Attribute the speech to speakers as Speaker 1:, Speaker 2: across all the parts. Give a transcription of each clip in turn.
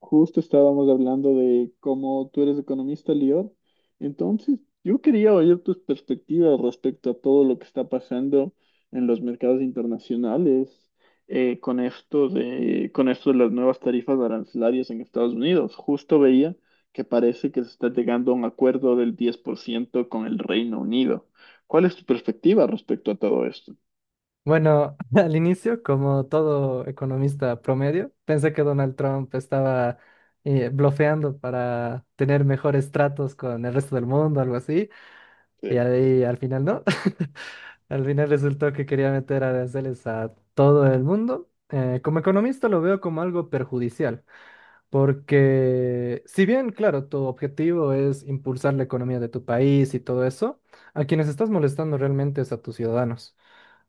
Speaker 1: Justo estábamos hablando de cómo tú eres economista, Lior. Entonces, yo quería oír tus perspectivas respecto a todo lo que está pasando en los mercados internacionales con esto de las nuevas tarifas arancelarias en Estados Unidos. Justo veía que parece que se está llegando a un acuerdo del 10% con el Reino Unido. ¿Cuál es tu perspectiva respecto a todo esto?
Speaker 2: Bueno, al inicio, como todo economista promedio, pensé que Donald Trump estaba blofeando para tener mejores tratos con el resto del mundo, algo así, y
Speaker 1: Sí.
Speaker 2: ahí al final no. Al final resultó que quería meter aranceles a todo el mundo. Como economista lo veo como algo perjudicial, porque si bien, claro, tu objetivo es impulsar la economía de tu país y todo eso, a quienes estás molestando realmente es a tus ciudadanos.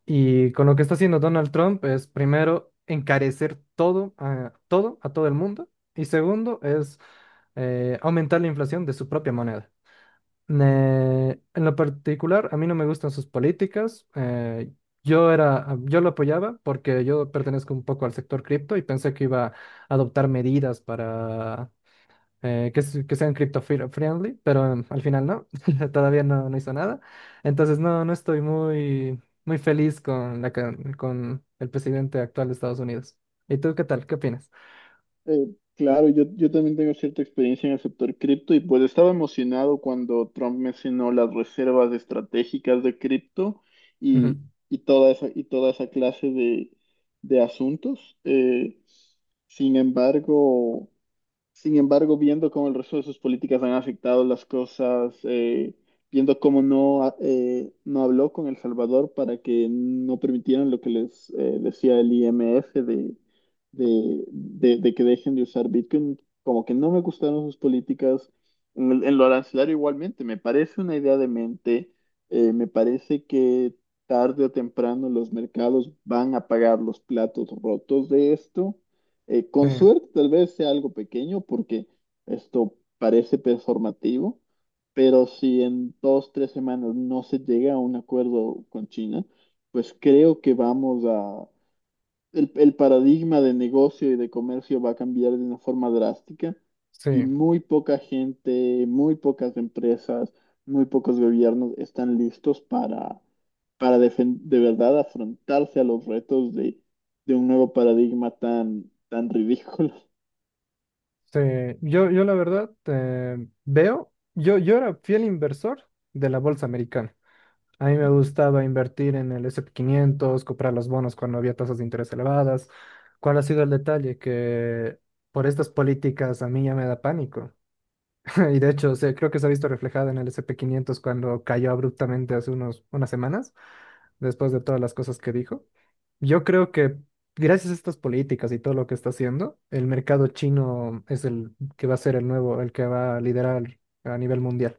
Speaker 2: Y con lo que está haciendo Donald Trump es primero encarecer todo a todo, a todo el mundo. Y segundo es aumentar la inflación de su propia moneda. En lo particular, a mí no me gustan sus políticas. Yo era, yo lo apoyaba porque yo pertenezco un poco al sector cripto y pensé que iba a adoptar medidas para que sean crypto friendly, pero al final no, todavía no, no hizo nada. Entonces no, no estoy muy feliz con con el presidente actual de Estados Unidos. ¿Y tú qué tal? ¿Qué opinas?
Speaker 1: Eh, claro, yo también tengo cierta experiencia en el sector cripto y pues estaba emocionado cuando Trump mencionó las reservas estratégicas de cripto
Speaker 2: Ujú.
Speaker 1: y, y toda esa clase de asuntos. Sin embargo... Sin embargo, viendo cómo el resto de sus políticas han afectado las cosas, viendo cómo no, no habló con El Salvador para que no permitieran lo que les decía el IMF de, de que dejen de usar Bitcoin, como que no me gustaron sus políticas. En lo arancelario igualmente, me parece una idea de mente, me parece que tarde o temprano los mercados van a pagar los platos rotos de esto.
Speaker 2: Sí,
Speaker 1: Con suerte tal vez sea algo pequeño porque esto parece performativo, pero si en dos, tres semanas no se llega a un acuerdo con China, pues creo que vamos a, el paradigma de negocio y de comercio va a cambiar de una forma drástica y
Speaker 2: sí,
Speaker 1: muy poca gente, muy pocas empresas, muy pocos gobiernos están listos para de verdad afrontarse a los retos de un nuevo paradigma tan, tan ridículo.
Speaker 2: sí. Yo la verdad veo, yo era fiel inversor de la bolsa americana. A mí me gustaba invertir en el S&P 500, comprar los bonos cuando había tasas de interés elevadas. ¿Cuál ha sido el detalle? Que por estas políticas a mí ya me da pánico. Y de hecho, creo que se ha visto reflejado en el S&P 500 cuando cayó abruptamente hace unas semanas, después de todas las cosas que dijo. Yo creo que gracias a estas políticas y todo lo que está haciendo, el mercado chino es el que va a ser el nuevo, el que va a liderar a nivel mundial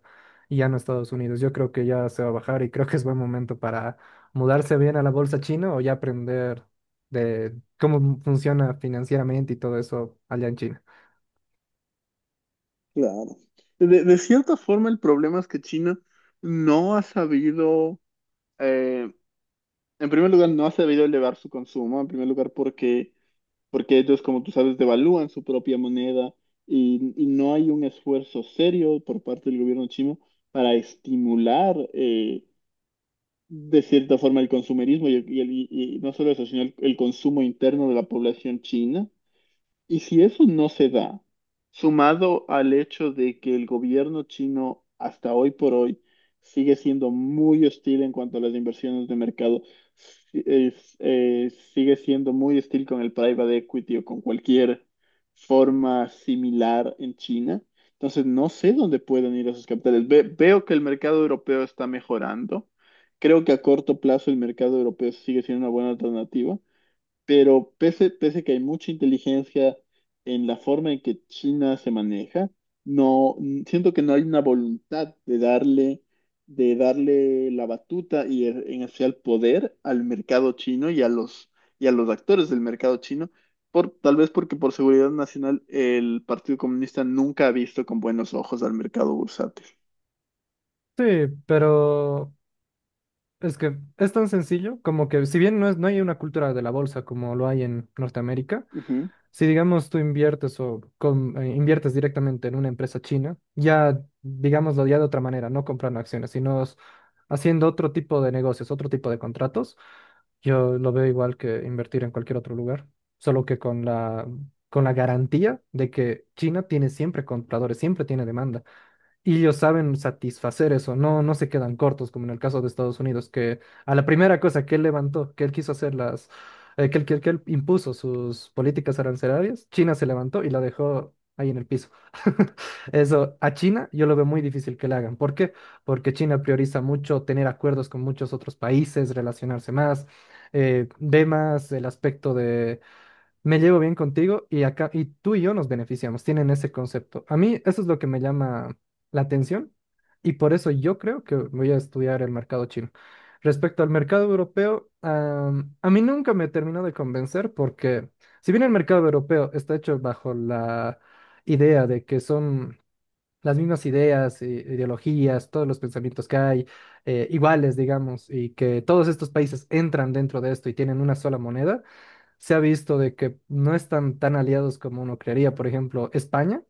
Speaker 2: y ya no Estados Unidos. Yo creo que ya se va a bajar y creo que es buen momento para mudarse bien a la bolsa china o ya aprender de cómo funciona financieramente y todo eso allá en China.
Speaker 1: Claro. De cierta forma, el problema es que China no ha sabido, eh, en primer lugar, no ha sabido elevar su consumo, en primer lugar, porque ellos, como tú sabes, devalúan su propia moneda y no hay un esfuerzo serio por parte del gobierno chino para estimular de cierta forma el consumerismo y no solo eso, sino el consumo interno de la población china. Y si eso no se da, sumado al hecho de que el gobierno chino hasta hoy por hoy sigue siendo muy hostil en cuanto a las inversiones de mercado, sigue siendo muy hostil con el private equity o con cualquier forma similar en China, entonces no sé dónde pueden ir esos capitales. Veo que el mercado europeo está mejorando. Creo que a corto plazo el mercado europeo sigue siendo una buena alternativa. Pero pese, pese que hay mucha inteligencia en la forma en que China se maneja, siento que no hay una voluntad de darle la batuta y e- en hacia el poder al mercado chino y a los actores del mercado chino, tal vez porque por seguridad nacional el Partido Comunista nunca ha visto con buenos ojos al mercado bursátil.
Speaker 2: Sí, pero es que es tan sencillo como que si bien no es, no hay una cultura de la bolsa como lo hay en Norteamérica.
Speaker 1: Ujú,
Speaker 2: Si digamos tú inviertes o inviertes directamente en una empresa china, ya digámoslo ya de otra manera, no comprando acciones, haciendo otro tipo de negocios, otro tipo de contratos, yo lo veo igual que invertir en cualquier otro lugar, solo que con la garantía de que China tiene siempre compradores, siempre tiene demanda. Y ellos saben satisfacer eso, no, no se quedan cortos, como en el caso de Estados Unidos, que a la primera cosa que él levantó, que él quiso hacer las, que él, que él- que él impuso sus políticas arancelarias, China se levantó y la dejó ahí en el piso. Eso, a China yo lo veo muy difícil que le hagan. ¿Por qué? Porque China prioriza mucho tener acuerdos con muchos otros países, relacionarse más, ve más el aspecto me llevo bien contigo y acá y tú y yo nos beneficiamos, tienen ese concepto. A mí eso es lo que me llama la atención y por eso yo creo que voy a estudiar el mercado chino. Respecto al mercado europeo, a mí nunca me terminó de convencer porque si bien el mercado europeo está hecho bajo la idea de que son las mismas ideas, ideologías, todos los pensamientos que hay iguales, digamos, y que todos estos países entran dentro de esto y tienen una sola moneda, se ha visto de que no están tan aliados como uno creería. Por ejemplo, España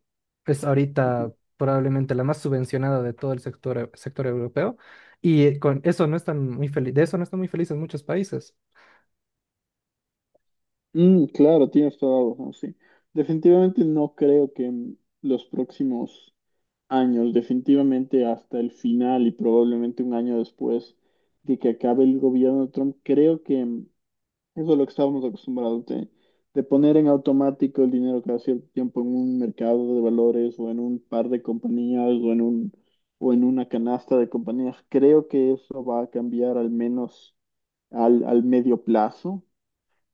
Speaker 2: es
Speaker 1: ujú.
Speaker 2: ahorita probablemente la más subvencionada de todo el sector europeo y con eso no están muy felices, de eso no están muy felices muchos países.
Speaker 1: Mm, claro, tienes toda la razón, sí. Definitivamente no creo que en los próximos años, definitivamente hasta el final y probablemente un año después de que acabe el gobierno de Trump, creo que mm, eso es lo que estábamos acostumbrados de poner en automático el dinero cada cierto tiempo en un mercado de valores o en un par de compañías o en un, o en una canasta de compañías. Creo que eso va a cambiar al menos al, al medio plazo.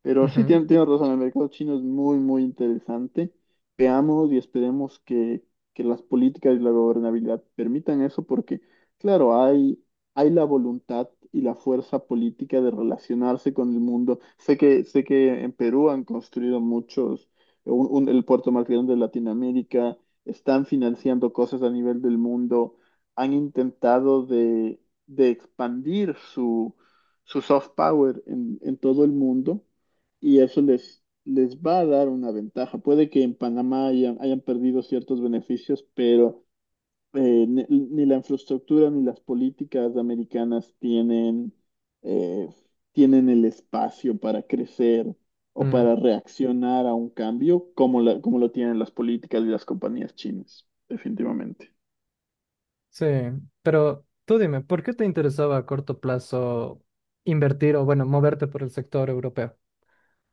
Speaker 1: Pero sí,
Speaker 2: Ujú,
Speaker 1: tiene razón, el mercado chino es muy, muy interesante. Veamos y esperemos que las políticas y la gobernabilidad permitan eso, porque, claro, hay la voluntad y la fuerza política de relacionarse con el mundo. Sé que en Perú han construido muchos, el puerto más grande de Latinoamérica, están financiando cosas a nivel del mundo, han intentado de expandir su, su soft power en todo el mundo y eso les, les va a dar una ventaja. Puede que en Panamá hayan, hayan perdido ciertos beneficios, pero ni, ni la infraestructura ni las políticas americanas tienen, eh, tienen el espacio para crecer o
Speaker 2: mm,
Speaker 1: para reaccionar a un cambio como, como lo tienen las políticas y las compañías chinas, definitivamente.
Speaker 2: sí, pero tú dime, ¿por qué te interesaba a corto plazo invertir o, bueno, moverte por el sector europeo?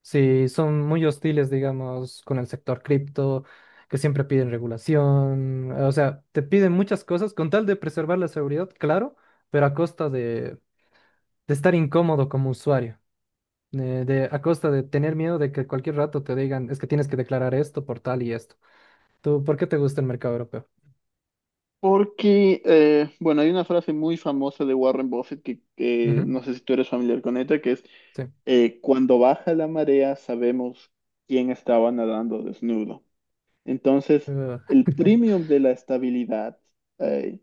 Speaker 2: Sí, son muy hostiles, digamos, con el sector cripto, que siempre piden regulación, o sea, te piden muchas cosas con tal de preservar la seguridad, claro, pero a costa de estar incómodo como usuario, a costa de tener miedo de que cualquier rato te digan, es que tienes que declarar esto por tal y esto. ¿Tú por qué te gusta el mercado europeo?
Speaker 1: Porque, bueno, hay una frase muy famosa de Warren Buffett que
Speaker 2: Ujú.
Speaker 1: no sé si tú eres familiar con ella, que es,
Speaker 2: Sí.
Speaker 1: cuando baja la marea sabemos quién estaba nadando desnudo. Entonces,
Speaker 2: Eh,
Speaker 1: el premium de la estabilidad, eh,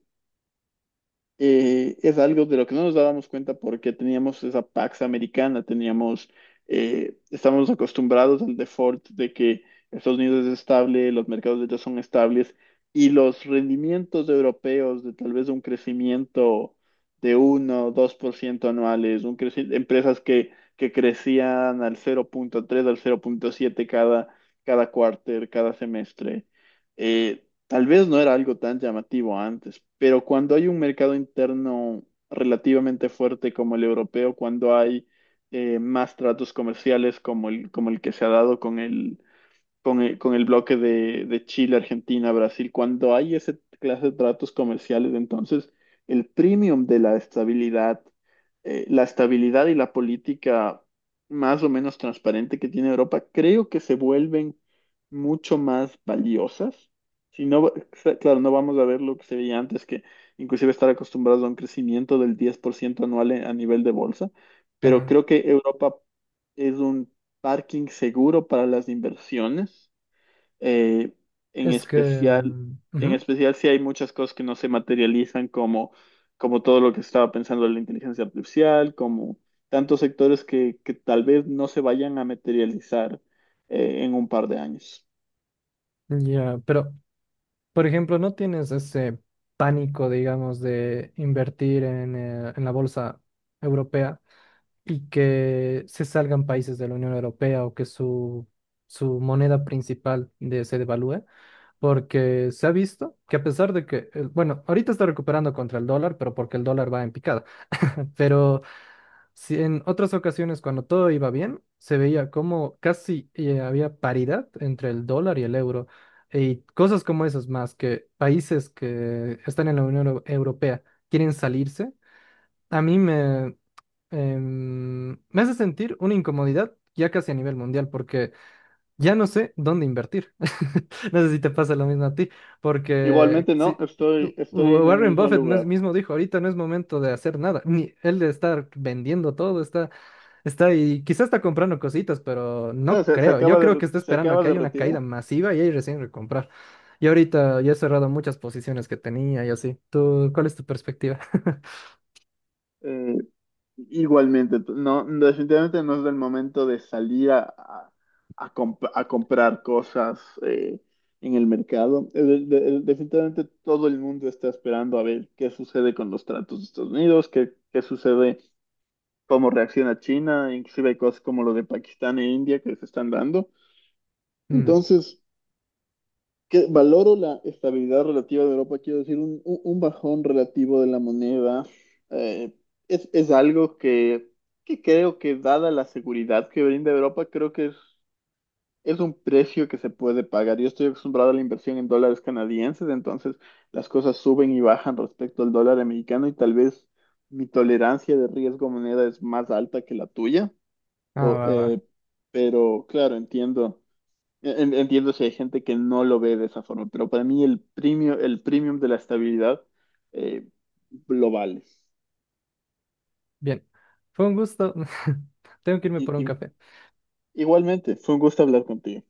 Speaker 1: es algo de lo que no nos dábamos cuenta porque teníamos esa Pax americana, teníamos, estamos acostumbrados al default de que Estados Unidos es estable, los mercados de ellos son estables y los rendimientos europeos de tal vez un crecimiento de 1 o 2% anuales, empresas que crecían al cero punto tres al cero punto siete cada, cada cuarter, cada semestre. Eh, Tal vez no era algo tan llamativo antes, pero cuando hay un mercado interno relativamente fuerte como el europeo, cuando hay más tratos comerciales como el que se ha dado con el, con el bloque de Chile, Argentina, Brasil, cuando hay esa clase de tratos comerciales, entonces el premium de la estabilidad y la política más o menos transparente que tiene Europa, creo que se vuelven mucho más valiosas. Si no, claro, no vamos a ver lo que se veía antes, que inclusive estar acostumbrados a un crecimiento del 10% anual a nivel de bolsa, pero
Speaker 2: eh,
Speaker 1: creo que Europa es un parking seguro para las inversiones, eh, en
Speaker 2: es que...
Speaker 1: especial, en
Speaker 2: ujú.
Speaker 1: especial si hay muchas cosas que no se materializan como, como todo lo que estaba pensando la inteligencia artificial, como tantos sectores que tal vez no se vayan a materializar en un par de años.
Speaker 2: Ya, pero por ejemplo, ¿no tienes ese pánico, digamos, de invertir en la bolsa europea y que se salgan países de la Unión Europea o que su moneda principal se devalúe? Porque se ha visto que a pesar de bueno, ahorita está recuperando contra el dólar, pero porque el dólar va en picada, pero si en otras ocasiones, cuando todo iba bien, se veía como casi había paridad entre el dólar y el euro. Y cosas como esas más, que países que están en la Unión Europea quieren salirse, a mí me, em, me hace sentir una incomodidad ya casi a nivel mundial, porque ya no sé dónde invertir. No sé si te pasa lo mismo a ti, porque
Speaker 1: Igualmente, no,
Speaker 2: si,
Speaker 1: estoy, estoy en el
Speaker 2: Warren
Speaker 1: mismo
Speaker 2: Buffett
Speaker 1: lugar.
Speaker 2: mismo dijo, ahorita no es momento de hacer nada, ni él de estar vendiendo todo, está y quizás está comprando cositas, pero
Speaker 1: O
Speaker 2: no
Speaker 1: se
Speaker 2: creo.
Speaker 1: acaba
Speaker 2: Yo
Speaker 1: de,
Speaker 2: creo que está
Speaker 1: se
Speaker 2: esperando a
Speaker 1: acaba
Speaker 2: que
Speaker 1: de
Speaker 2: haya una
Speaker 1: retirar.
Speaker 2: caída masiva y ahí recién recomprar. Y ahorita yo he cerrado muchas posiciones que tenía y así. ¿Tú, cuál es tu perspectiva?
Speaker 1: Eh, Igualmente, no, definitivamente no es el momento de salir a, a a comprar cosas en el mercado. Definitivamente todo el mundo está esperando a ver qué sucede con los tratos de Estados Unidos, qué, qué sucede, cómo reacciona China, inclusive hay cosas como lo de Pakistán e India que se están dando.
Speaker 2: Mm,
Speaker 1: Entonces, que valoro la estabilidad relativa de Europa, quiero decir, un, un bajón relativo de la moneda eh, es algo que creo que dada la seguridad que brinda Europa, creo que es un precio que se puede pagar. Yo estoy acostumbrado a la inversión en dólares canadienses, entonces las cosas suben y bajan respecto al dólar americano y tal vez mi tolerancia de riesgo moneda es más alta que la tuya,
Speaker 2: ah,
Speaker 1: o,
Speaker 2: va, va.
Speaker 1: pero claro, entiendo entiendo si hay gente que no lo ve de esa forma, pero para mí el premio, el premium de la estabilidad eh, lo vale.
Speaker 2: Bien. Fue un gusto. Tengo que irme por
Speaker 1: Y,
Speaker 2: un café.
Speaker 1: igualmente, fue un gusto hablar contigo.